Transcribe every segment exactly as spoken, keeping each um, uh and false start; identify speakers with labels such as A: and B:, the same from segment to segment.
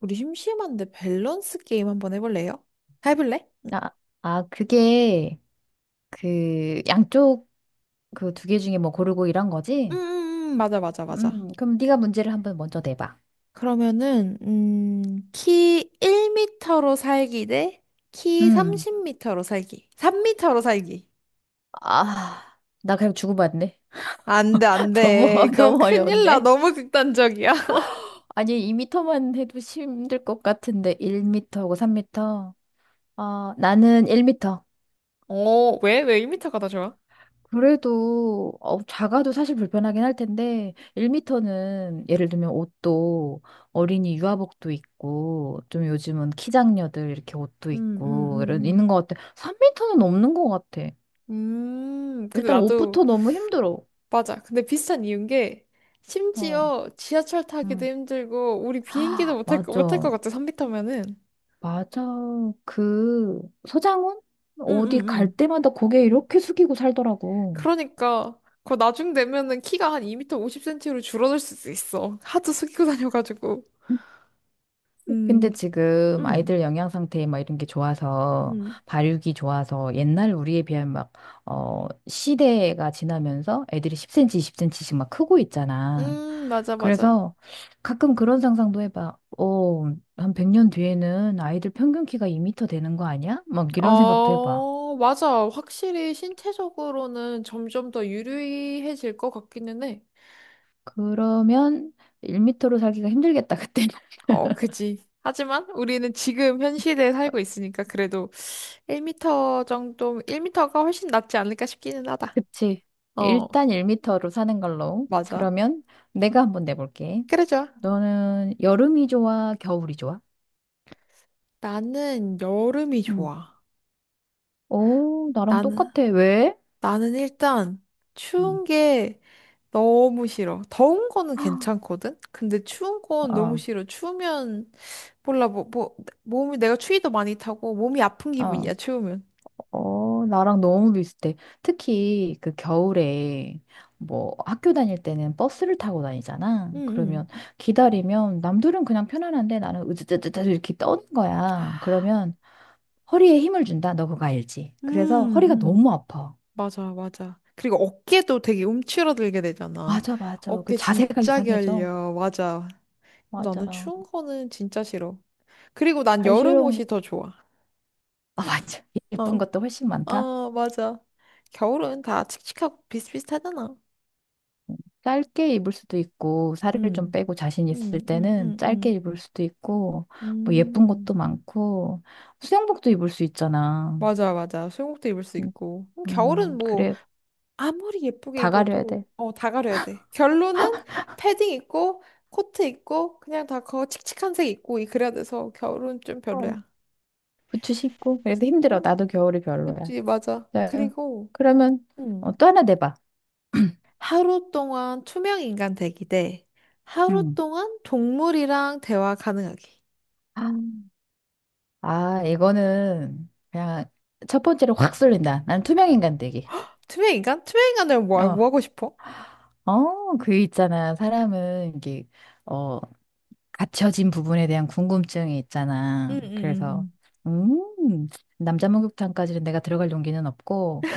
A: 우리 심심한데 밸런스 게임 한번 해볼래요? 해볼래?
B: 아, 아, 그게 그 양쪽 그 두 개 중에 뭐 고르고 이런
A: 음,
B: 거지?
A: 음, 음, 맞아, 맞아, 맞아.
B: 음, 그럼 네가 문제를 한번 먼저 내봐.
A: 그러면은, 음, 키일 터로 살기 대 키 삼
B: 음,
A: 영 터로 살기. 삼 터로 살기.
B: 아, 나 그냥 주고받네.
A: 안 돼, 안
B: 너무 어,
A: 돼. 그럼
B: 너무
A: 큰일 나.
B: 어려운데?
A: 너무 극단적이야.
B: 아니 이 미터만 해도 힘들 것 같은데 일 미터고 삼 미터. 어, 나는 일 미터.
A: 어, 왜? 왜일 터가 더 좋아?
B: 그래도 어, 작아도 사실 불편하긴 할 텐데 일 미터는 예를 들면 옷도 어린이 유아복도 있고 좀 요즘은 키장녀들 이렇게 옷도
A: 음, 음,
B: 있고 이런 있는
A: 음,
B: 것 같아. 삼 미터는 없는 것 같아.
A: 음. 음, 근데
B: 일단
A: 나도,
B: 옷부터 너무 힘들어.
A: 맞아. 근데 비슷한 이유인 게,
B: 어,
A: 심지어 지하철 타기도
B: 음.
A: 힘들고, 우리 비행기도
B: 아,
A: 못할, 거- 못할 것
B: 맞아,
A: 같아, 삼 터면은.
B: 맞아. 그 서장훈 어디
A: 응응응.
B: 갈 때마다 고개 이렇게 숙이고 살더라고.
A: 그러니까 그거 나중 되면은 키가 한 이 미터 오십 센티미터로 줄어들 수도 있어. 하도 숙이고 다녀가지고. 음,
B: 근데 지금
A: 응.
B: 아이들 영양 상태 막 이런 게 좋아서
A: 음,
B: 발육이 좋아서 옛날 우리에 비하면 막, 어, 시대가 지나면서 애들이 십 센티미터, 이십 센티씩 막 크고 있잖아.
A: 음, 맞아, 맞아.
B: 그래서 가끔 그런 상상도 해봐. 어, 한 백 년 뒤에는 아이들 평균 키가 이 미터 되는 거 아니야? 막 이런 생각도 해봐.
A: 어, 맞아. 확실히 신체적으로는 점점 더 유리해질 것 같기는 해.
B: 그러면 일 미터로 살기가 힘들겠다, 그때는.
A: 어, 그지. 하지만 우리는 지금 현 시대에 살고 있으니까 그래도 일 미터 정도, 일 미터가 훨씬 낫지 않을까 싶기는 하다.
B: 그치.
A: 어,
B: 일단 일 미터로 사는 걸로.
A: 맞아.
B: 그러면 내가 한번 내볼게.
A: 그래, 좋아.
B: 너는 여름이 좋아, 겨울이 좋아?
A: 나는 여름이
B: 응,
A: 좋아.
B: 오, 나랑
A: 나는,
B: 똑같아. 왜?
A: 나는 일단
B: 응,
A: 추운 게 너무 싫어. 더운 거는 괜찮거든? 근데 추운 건 너무
B: 어,
A: 싫어. 추우면, 몰라, 뭐, 뭐, 몸이, 내가 추위도 많이 타고 몸이 아픈
B: 어,
A: 기분이야, 추우면.
B: 어, 나랑 너무 비슷해. 특히 그 겨울에 뭐 학교 다닐 때는 버스를 타고 다니잖아.
A: 응,
B: 그러면 기다리면 남들은 그냥 편안한데 나는 으드드드드 이렇게 떠는 거야. 그러면 허리에 힘을 준다. 너 그거 알지?
A: 응.
B: 그래서
A: 음,
B: 허리가
A: 음.
B: 너무 아파.
A: 맞아, 맞아. 그리고 어깨도 되게 움츠러들게 되잖아.
B: 맞아, 맞아. 그
A: 어깨
B: 자세가
A: 진짜
B: 이상해져.
A: 결려. 맞아. 나는
B: 맞아.
A: 추운 거는 진짜 싫어. 그리고 난 여름
B: 발시려운 거,
A: 옷이 더 좋아.
B: 아, 맞아. 예쁜
A: 어.
B: 것도 훨씬 많다.
A: 어, 맞아. 겨울은 다 칙칙하고 비슷비슷하잖아.
B: 짧게 입을 수도 있고, 살을 좀
A: 응,
B: 빼고 자신 있을
A: 응, 응,
B: 때는
A: 응,
B: 짧게
A: 응.
B: 입을 수도 있고, 뭐 예쁜 것도
A: 음,
B: 많고, 수영복도 입을 수 있잖아.
A: 맞아, 맞아. 수영복도 입을 수
B: 음,
A: 있고. 음, 겨울은
B: 음,
A: 뭐,
B: 그래.
A: 아무리 예쁘게
B: 다 가려야 돼.
A: 입어도, 어, 다 가려야 돼. 결론은 패딩 입고, 코트 입고, 그냥 다 그거 칙칙한 색 입고, 이- 그래야 돼서 겨울은 좀
B: 어.
A: 별로야.
B: 부츠 신고. 그래서 힘들어.
A: 음,
B: 나도 겨울이 별로야.
A: 그치, 맞아.
B: 자,
A: 그리고,
B: 그러면
A: 응.
B: 어, 또 하나 내봐.
A: 하루 동안 투명 인간 되기 대 하루
B: 음.
A: 동안 동물이랑 대화 가능하기.
B: 아, 아, 이거는 그냥 첫 번째로 확 쏠린다. 난 투명인간 되기.
A: 투명인간? 투명인간을 뭐,
B: 어,
A: 뭐 하고 싶어?
B: 어, 그 있잖아. 사람은 이게, 어, 갇혀진 부분에 대한 궁금증이 있잖아.
A: 응, 응, 응,
B: 그래서,
A: 응.
B: 음, 남자 목욕탕까지는 내가 들어갈 용기는 없고,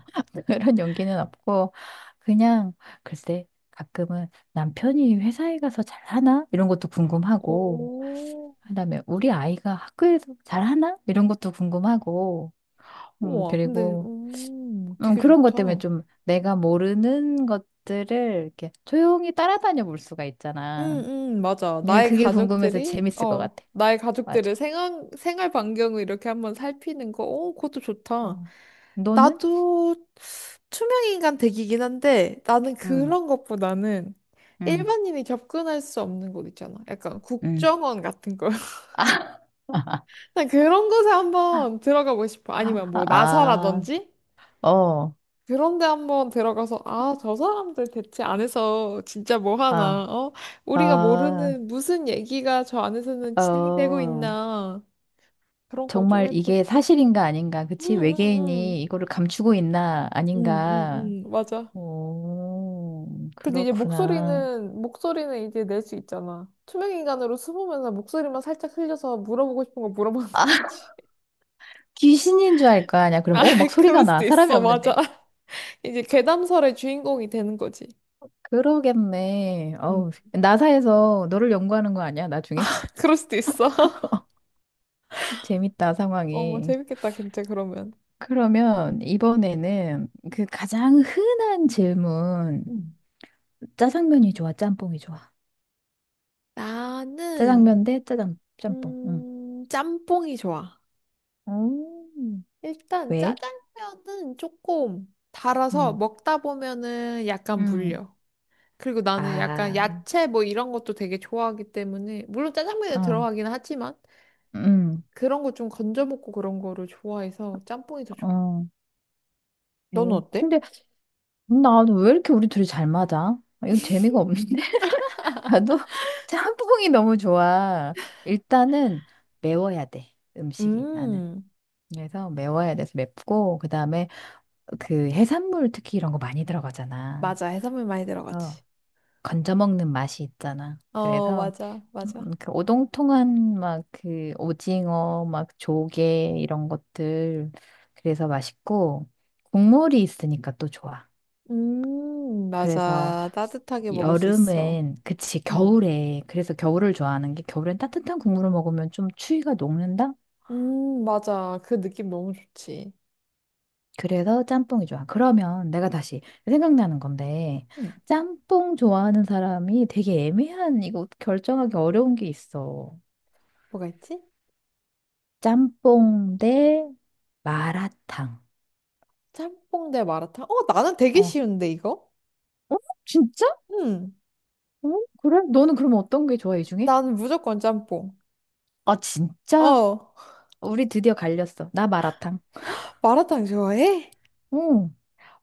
B: 그런 용기는 없고, 그냥, 글쎄, 가끔은 남편이 회사에 가서 잘하나? 이런 것도 궁금하고,
A: 오,
B: 그다음에 우리 아이가 학교에서 잘하나? 이런 것도 궁금하고, 음,
A: 우와, 근데,
B: 그리고,
A: 음,
B: 음,
A: 되게
B: 그런 것 때문에
A: 좋다.
B: 좀 내가 모르는 것들을 이렇게 조용히 따라다녀 볼 수가
A: 응,
B: 있잖아.
A: 응, 맞아.
B: 예,
A: 나의
B: 그게 궁금해서
A: 가족들이,
B: 재밌을 것
A: 어,
B: 같아.
A: 나의
B: 맞아.
A: 가족들을 생활, 생활 반경을 이렇게 한번 살피는 거, 어, 그것도 좋다.
B: 어. 너는?
A: 나도 투명인간 되기긴 한데, 나는
B: 응,
A: 그런 것보다는
B: 응,
A: 일반인이 접근할 수 없는 곳 있잖아. 약간
B: 응.
A: 국정원 같은 거. 난 그런 곳에
B: 아,
A: 한번 들어가고 싶어. 아니면 뭐, 나사라든지?
B: 어,
A: 그런데 한번 들어가서, 아, 저 사람들 대체 안에서 진짜 뭐 하나,
B: 아,
A: 어? 우리가
B: 아,
A: 모르는 무슨 얘기가 저 안에서는 진행되고
B: 어.
A: 있나. 그런 거 좀
B: 정말
A: 해보고
B: 이게
A: 싶어.
B: 사실인가 아닌가,
A: 응,
B: 그치?
A: 응, 응.
B: 외계인이 이거를 감추고 있나
A: 응, 응,
B: 아닌가.
A: 응. 맞아.
B: 오,
A: 근데 이제
B: 그렇구나.
A: 목소리는, 목소리는 이제 낼 수 있잖아. 투명인간으로 숨으면서 목소리만 살짝 흘려서 물어보고 싶은 거 물어보는
B: 아,
A: 거지.
B: 귀신인 줄 알 거 아니야. 그럼,
A: 아,
B: 어, 막 소리가
A: 그럴
B: 나.
A: 수도
B: 사람이
A: 있어. 맞아.
B: 없는데.
A: 이제 괴담설의 주인공이 되는 거지.
B: 그러겠네.
A: 음.
B: 어우, 나사에서 너를 연구하는 거 아니야, 나중에?
A: 그럴 수도 있어.
B: 재밌다,
A: 어,
B: 상황이.
A: 재밌겠다, 진짜, 그러면.
B: 그러면 이번에는 그 가장 흔한 질문.
A: 음.
B: 짜장면이 좋아, 짬뽕이 좋아.
A: 나는
B: 짜장면 대 짜장, 짬뽕. 응.
A: 음, 짬뽕이 좋아.
B: 음.
A: 일단
B: 왜?
A: 짜장면은 조금 달아서
B: 응.
A: 먹다 보면은 약간
B: 음.
A: 물려. 그리고 나는 약간
B: 아,
A: 야채 뭐 이런 것도 되게 좋아하기 때문에 물론 짜장면에
B: 어,
A: 들어가긴 하지만
B: 응,
A: 그런 거 좀 건져 먹고 그런 거를 좋아해서 짬뽕이 더 좋아.
B: 어.
A: 너는
B: 네.
A: 어때?
B: 근데 나는 왜 이렇게 우리 둘이 잘 맞아? 아, 이건 재미가 없는데? 나도 짬뽕이 너무 좋아. 일단은 매워야 돼, 음식이 나는.
A: 음,
B: 그래서 매워야 돼서 맵고 그다음에 그 해산물 특히 이런 거 많이 들어가잖아.
A: 맞아. 해산물 많이
B: 그래서
A: 들어가지.
B: 건져 먹는 맛이 있잖아.
A: 어,
B: 그래서
A: 맞아,
B: 음,
A: 맞아.
B: 그 오동통한 막 그 오징어 막 조개 이런 것들 그래서 맛있고 국물이 있으니까 또 좋아.
A: 음,
B: 그래서
A: 맞아. 따뜻하게 먹을 수 있어.
B: 여름엔 그치 겨울에 그래서 겨울을 좋아하는 게 겨울엔 따뜻한 국물을 먹으면 좀 추위가 녹는다?
A: 음, 맞아. 그 느낌 너무 좋지.
B: 그래서 짬뽕이 좋아. 그러면 내가 다시 생각나는 건데,
A: 음,
B: 짬뽕 좋아하는 사람이 되게 애매한, 이거 결정하기 어려운 게 있어.
A: 뭐가 있지?
B: 짬뽕 대 마라탕.
A: 짬뽕 대 마라탕? 어, 나는 되게
B: 어.
A: 쉬운데, 이거?
B: 어? 진짜?
A: 음,
B: 어? 그래? 너는 그럼 어떤 게 좋아, 이 중에?
A: 나는 무조건 짬뽕.
B: 아, 진짜?
A: 어,
B: 우리 드디어 갈렸어. 나 마라탕.
A: 마라탕 좋아해?
B: 응.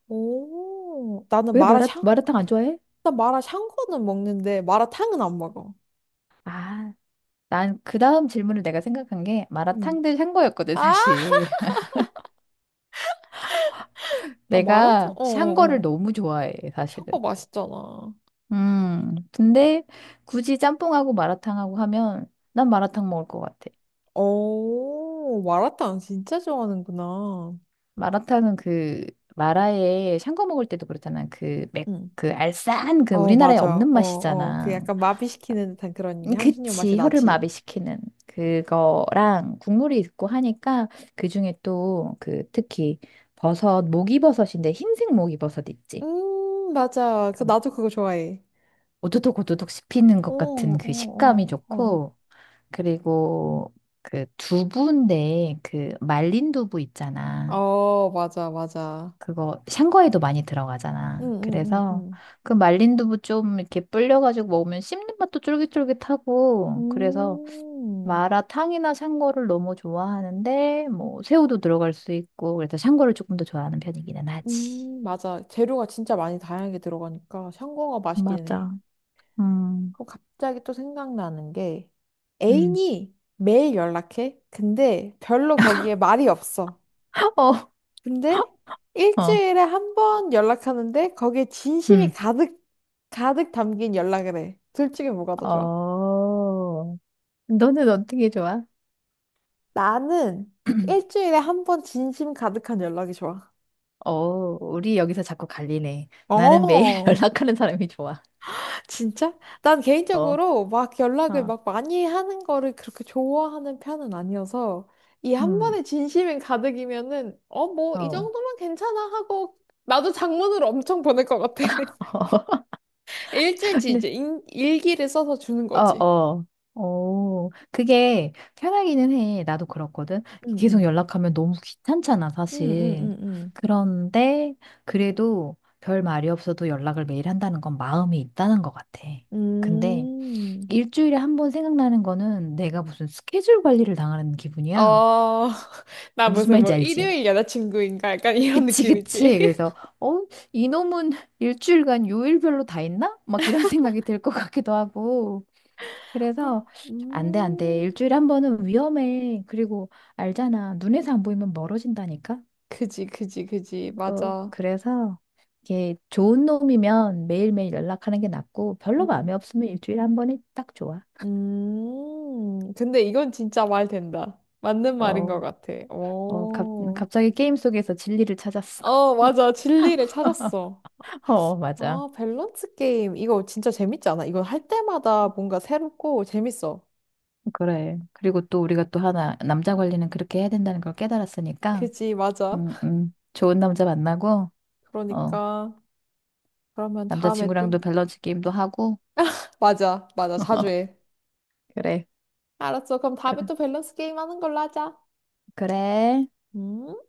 A: 오, 나는
B: 왜 마라,
A: 마라샹?
B: 마라탕 안 좋아해?
A: 나 마라샹궈는 먹는데, 마라탕은 안 먹어.
B: 아, 난 그 다음 질문을 내가 생각한 게
A: 음.
B: 마라탕 대 샹궈였거든,
A: 아,
B: 사실.
A: 아, 마라탕?
B: 내가
A: 어, 어,
B: 샹궈를
A: 어.
B: 너무 좋아해, 사실은.
A: 샹궈 맛있잖아.
B: 음, 근데 굳이 짬뽕하고 마라탕하고 하면 난 마라탕 먹을 것 같아.
A: 오, 마라탕 진짜 좋아하는구나.
B: 마라탕은 그 마라에 샹궈 먹을 때도 그렇잖아. 그 맥,
A: 응.
B: 그 알싸한 그
A: 어,
B: 우리나라에
A: 맞아.
B: 없는
A: 어, 어. 그
B: 맛이잖아.
A: 약간 마비시키는 듯한 그런
B: 음,
A: 향신료 맛이
B: 그치, 혀를
A: 나지.
B: 마비시키는 그거랑 국물이 있고 하니까 그중에 또 그 특히 버섯, 목이버섯인데 흰색 목이버섯 있지.
A: 음, 맞아. 그,
B: 그
A: 나도 그거 좋아해.
B: 오도독 오도독 씹히는
A: 어,
B: 것
A: 어,
B: 같은 그 식감이
A: 어, 어.
B: 좋고 그리고 그 두부인데 그 말린 두부 있잖아.
A: 어, 맞아, 맞아.
B: 그거 샹궈에도 많이
A: 응,
B: 들어가잖아.
A: 응,
B: 그래서
A: 응,
B: 그 말린 두부 좀 이렇게 불려가지고 먹으면 씹는 맛도
A: 응.
B: 쫄깃쫄깃하고 그래서
A: 음,
B: 마라탕이나 샹궈를 너무 좋아하는데 뭐 새우도 들어갈 수 있고 그래서 샹궈를 조금 더 좋아하는 편이기는 하지.
A: 음, 맞아. 재료가 진짜 많이 다양하게 들어가니까 샹궈가 맛있긴 해.
B: 맞아. 음.
A: 그럼 갑자기 또 생각나는 게
B: 음.
A: 애인이 매일 연락해. 근데 별로 거기에 말이 없어. 근데
B: 어. 어.
A: 일주일에 한 번 연락하는데 거기에 진심이
B: 음.
A: 가득, 가득 담긴 연락을 해. 둘 중에 뭐가 더 좋아?
B: 어. 너는 어떻게 좋아?
A: 나는 일주일에 한 번 진심 가득한 연락이 좋아.
B: 어, 우리 여기서 자꾸 갈리네. 나는 매일
A: 어,
B: 연락하는 사람이 좋아.
A: 진짜? 난
B: 어,
A: 개인적으로 막 연락을
B: 어,
A: 막 많이 하는 거를 그렇게 좋아하는 편은 아니어서 이 한
B: 음,
A: 번에 진심이 가득이면은 어, 뭐
B: 어,
A: 이
B: 어,
A: 정도면 괜찮아 하고 나도 장문으로 엄청 보낼 것 같아. 일주일치
B: 근데,
A: 이제 인- 일기를 써서 주는
B: 어,
A: 거지.
B: 어, 어, 그게 편하기는 해. 나도 그렇거든.
A: 응,
B: 계속
A: 응,
B: 연락하면 너무 귀찮잖아,
A: 응, 응,
B: 사실.
A: 응,
B: 그런데, 그래도 별 말이 없어도 연락을 매일 한다는 건 마음이 있다는 것 같아.
A: 응.
B: 근데,
A: 음.
B: 일주일에 한 번 생각나는 거는 내가 무슨 스케줄 관리를 당하는 기분이야.
A: 어, 나
B: 무슨
A: 무슨 뭐
B: 말인지 알지?
A: 일요일 여자친구인가 약간 이런
B: 그치,
A: 느낌이지.
B: 그치. 그래서, 어, 이놈은 일주일간 요일별로 다 있나 막 이런 생각이 들 것 같기도 하고.
A: 아,
B: 그래서, 안 돼, 안 돼.
A: 음,
B: 일주일에 한 번은 위험해. 그리고, 알잖아. 눈에서 안 보이면 멀어진다니까?
A: 그지, 그지, 그지.
B: 어,
A: 맞아.
B: 그래서, 이게 좋은 놈이면 매일매일 연락하는 게 낫고, 별로
A: 음,
B: 마음에 없으면 일주일에 한 번이 딱 좋아.
A: 음, 근데 이건 진짜 말 된다. 맞는 말인 것
B: 어,
A: 같아.
B: 어, 갑,
A: 오,
B: 갑자기 게임 속에서 진리를 찾았어.
A: 어, 맞아. 진리를 찾았어.
B: 어, 맞아.
A: 아, 밸런스 게임. 이거 진짜 재밌지 않아? 이거 할 때마다 뭔가 새롭고 재밌어.
B: 그래. 그리고 또 우리가 또 하나, 남자 관리는 그렇게 해야 된다는 걸 깨달았으니까,
A: 그지, 맞아.
B: 음, 음. 좋은 남자 만나고, 어,
A: 그러니까. 그러면 다음에 또.
B: 남자친구랑도 밸런스 게임도 하고,
A: 맞아, 맞아. 자주 해.
B: 그래.
A: 알았어. 그럼 다음에
B: 그래.
A: 또 밸런스 게임 하는 걸로 하자.
B: 그래.
A: 음.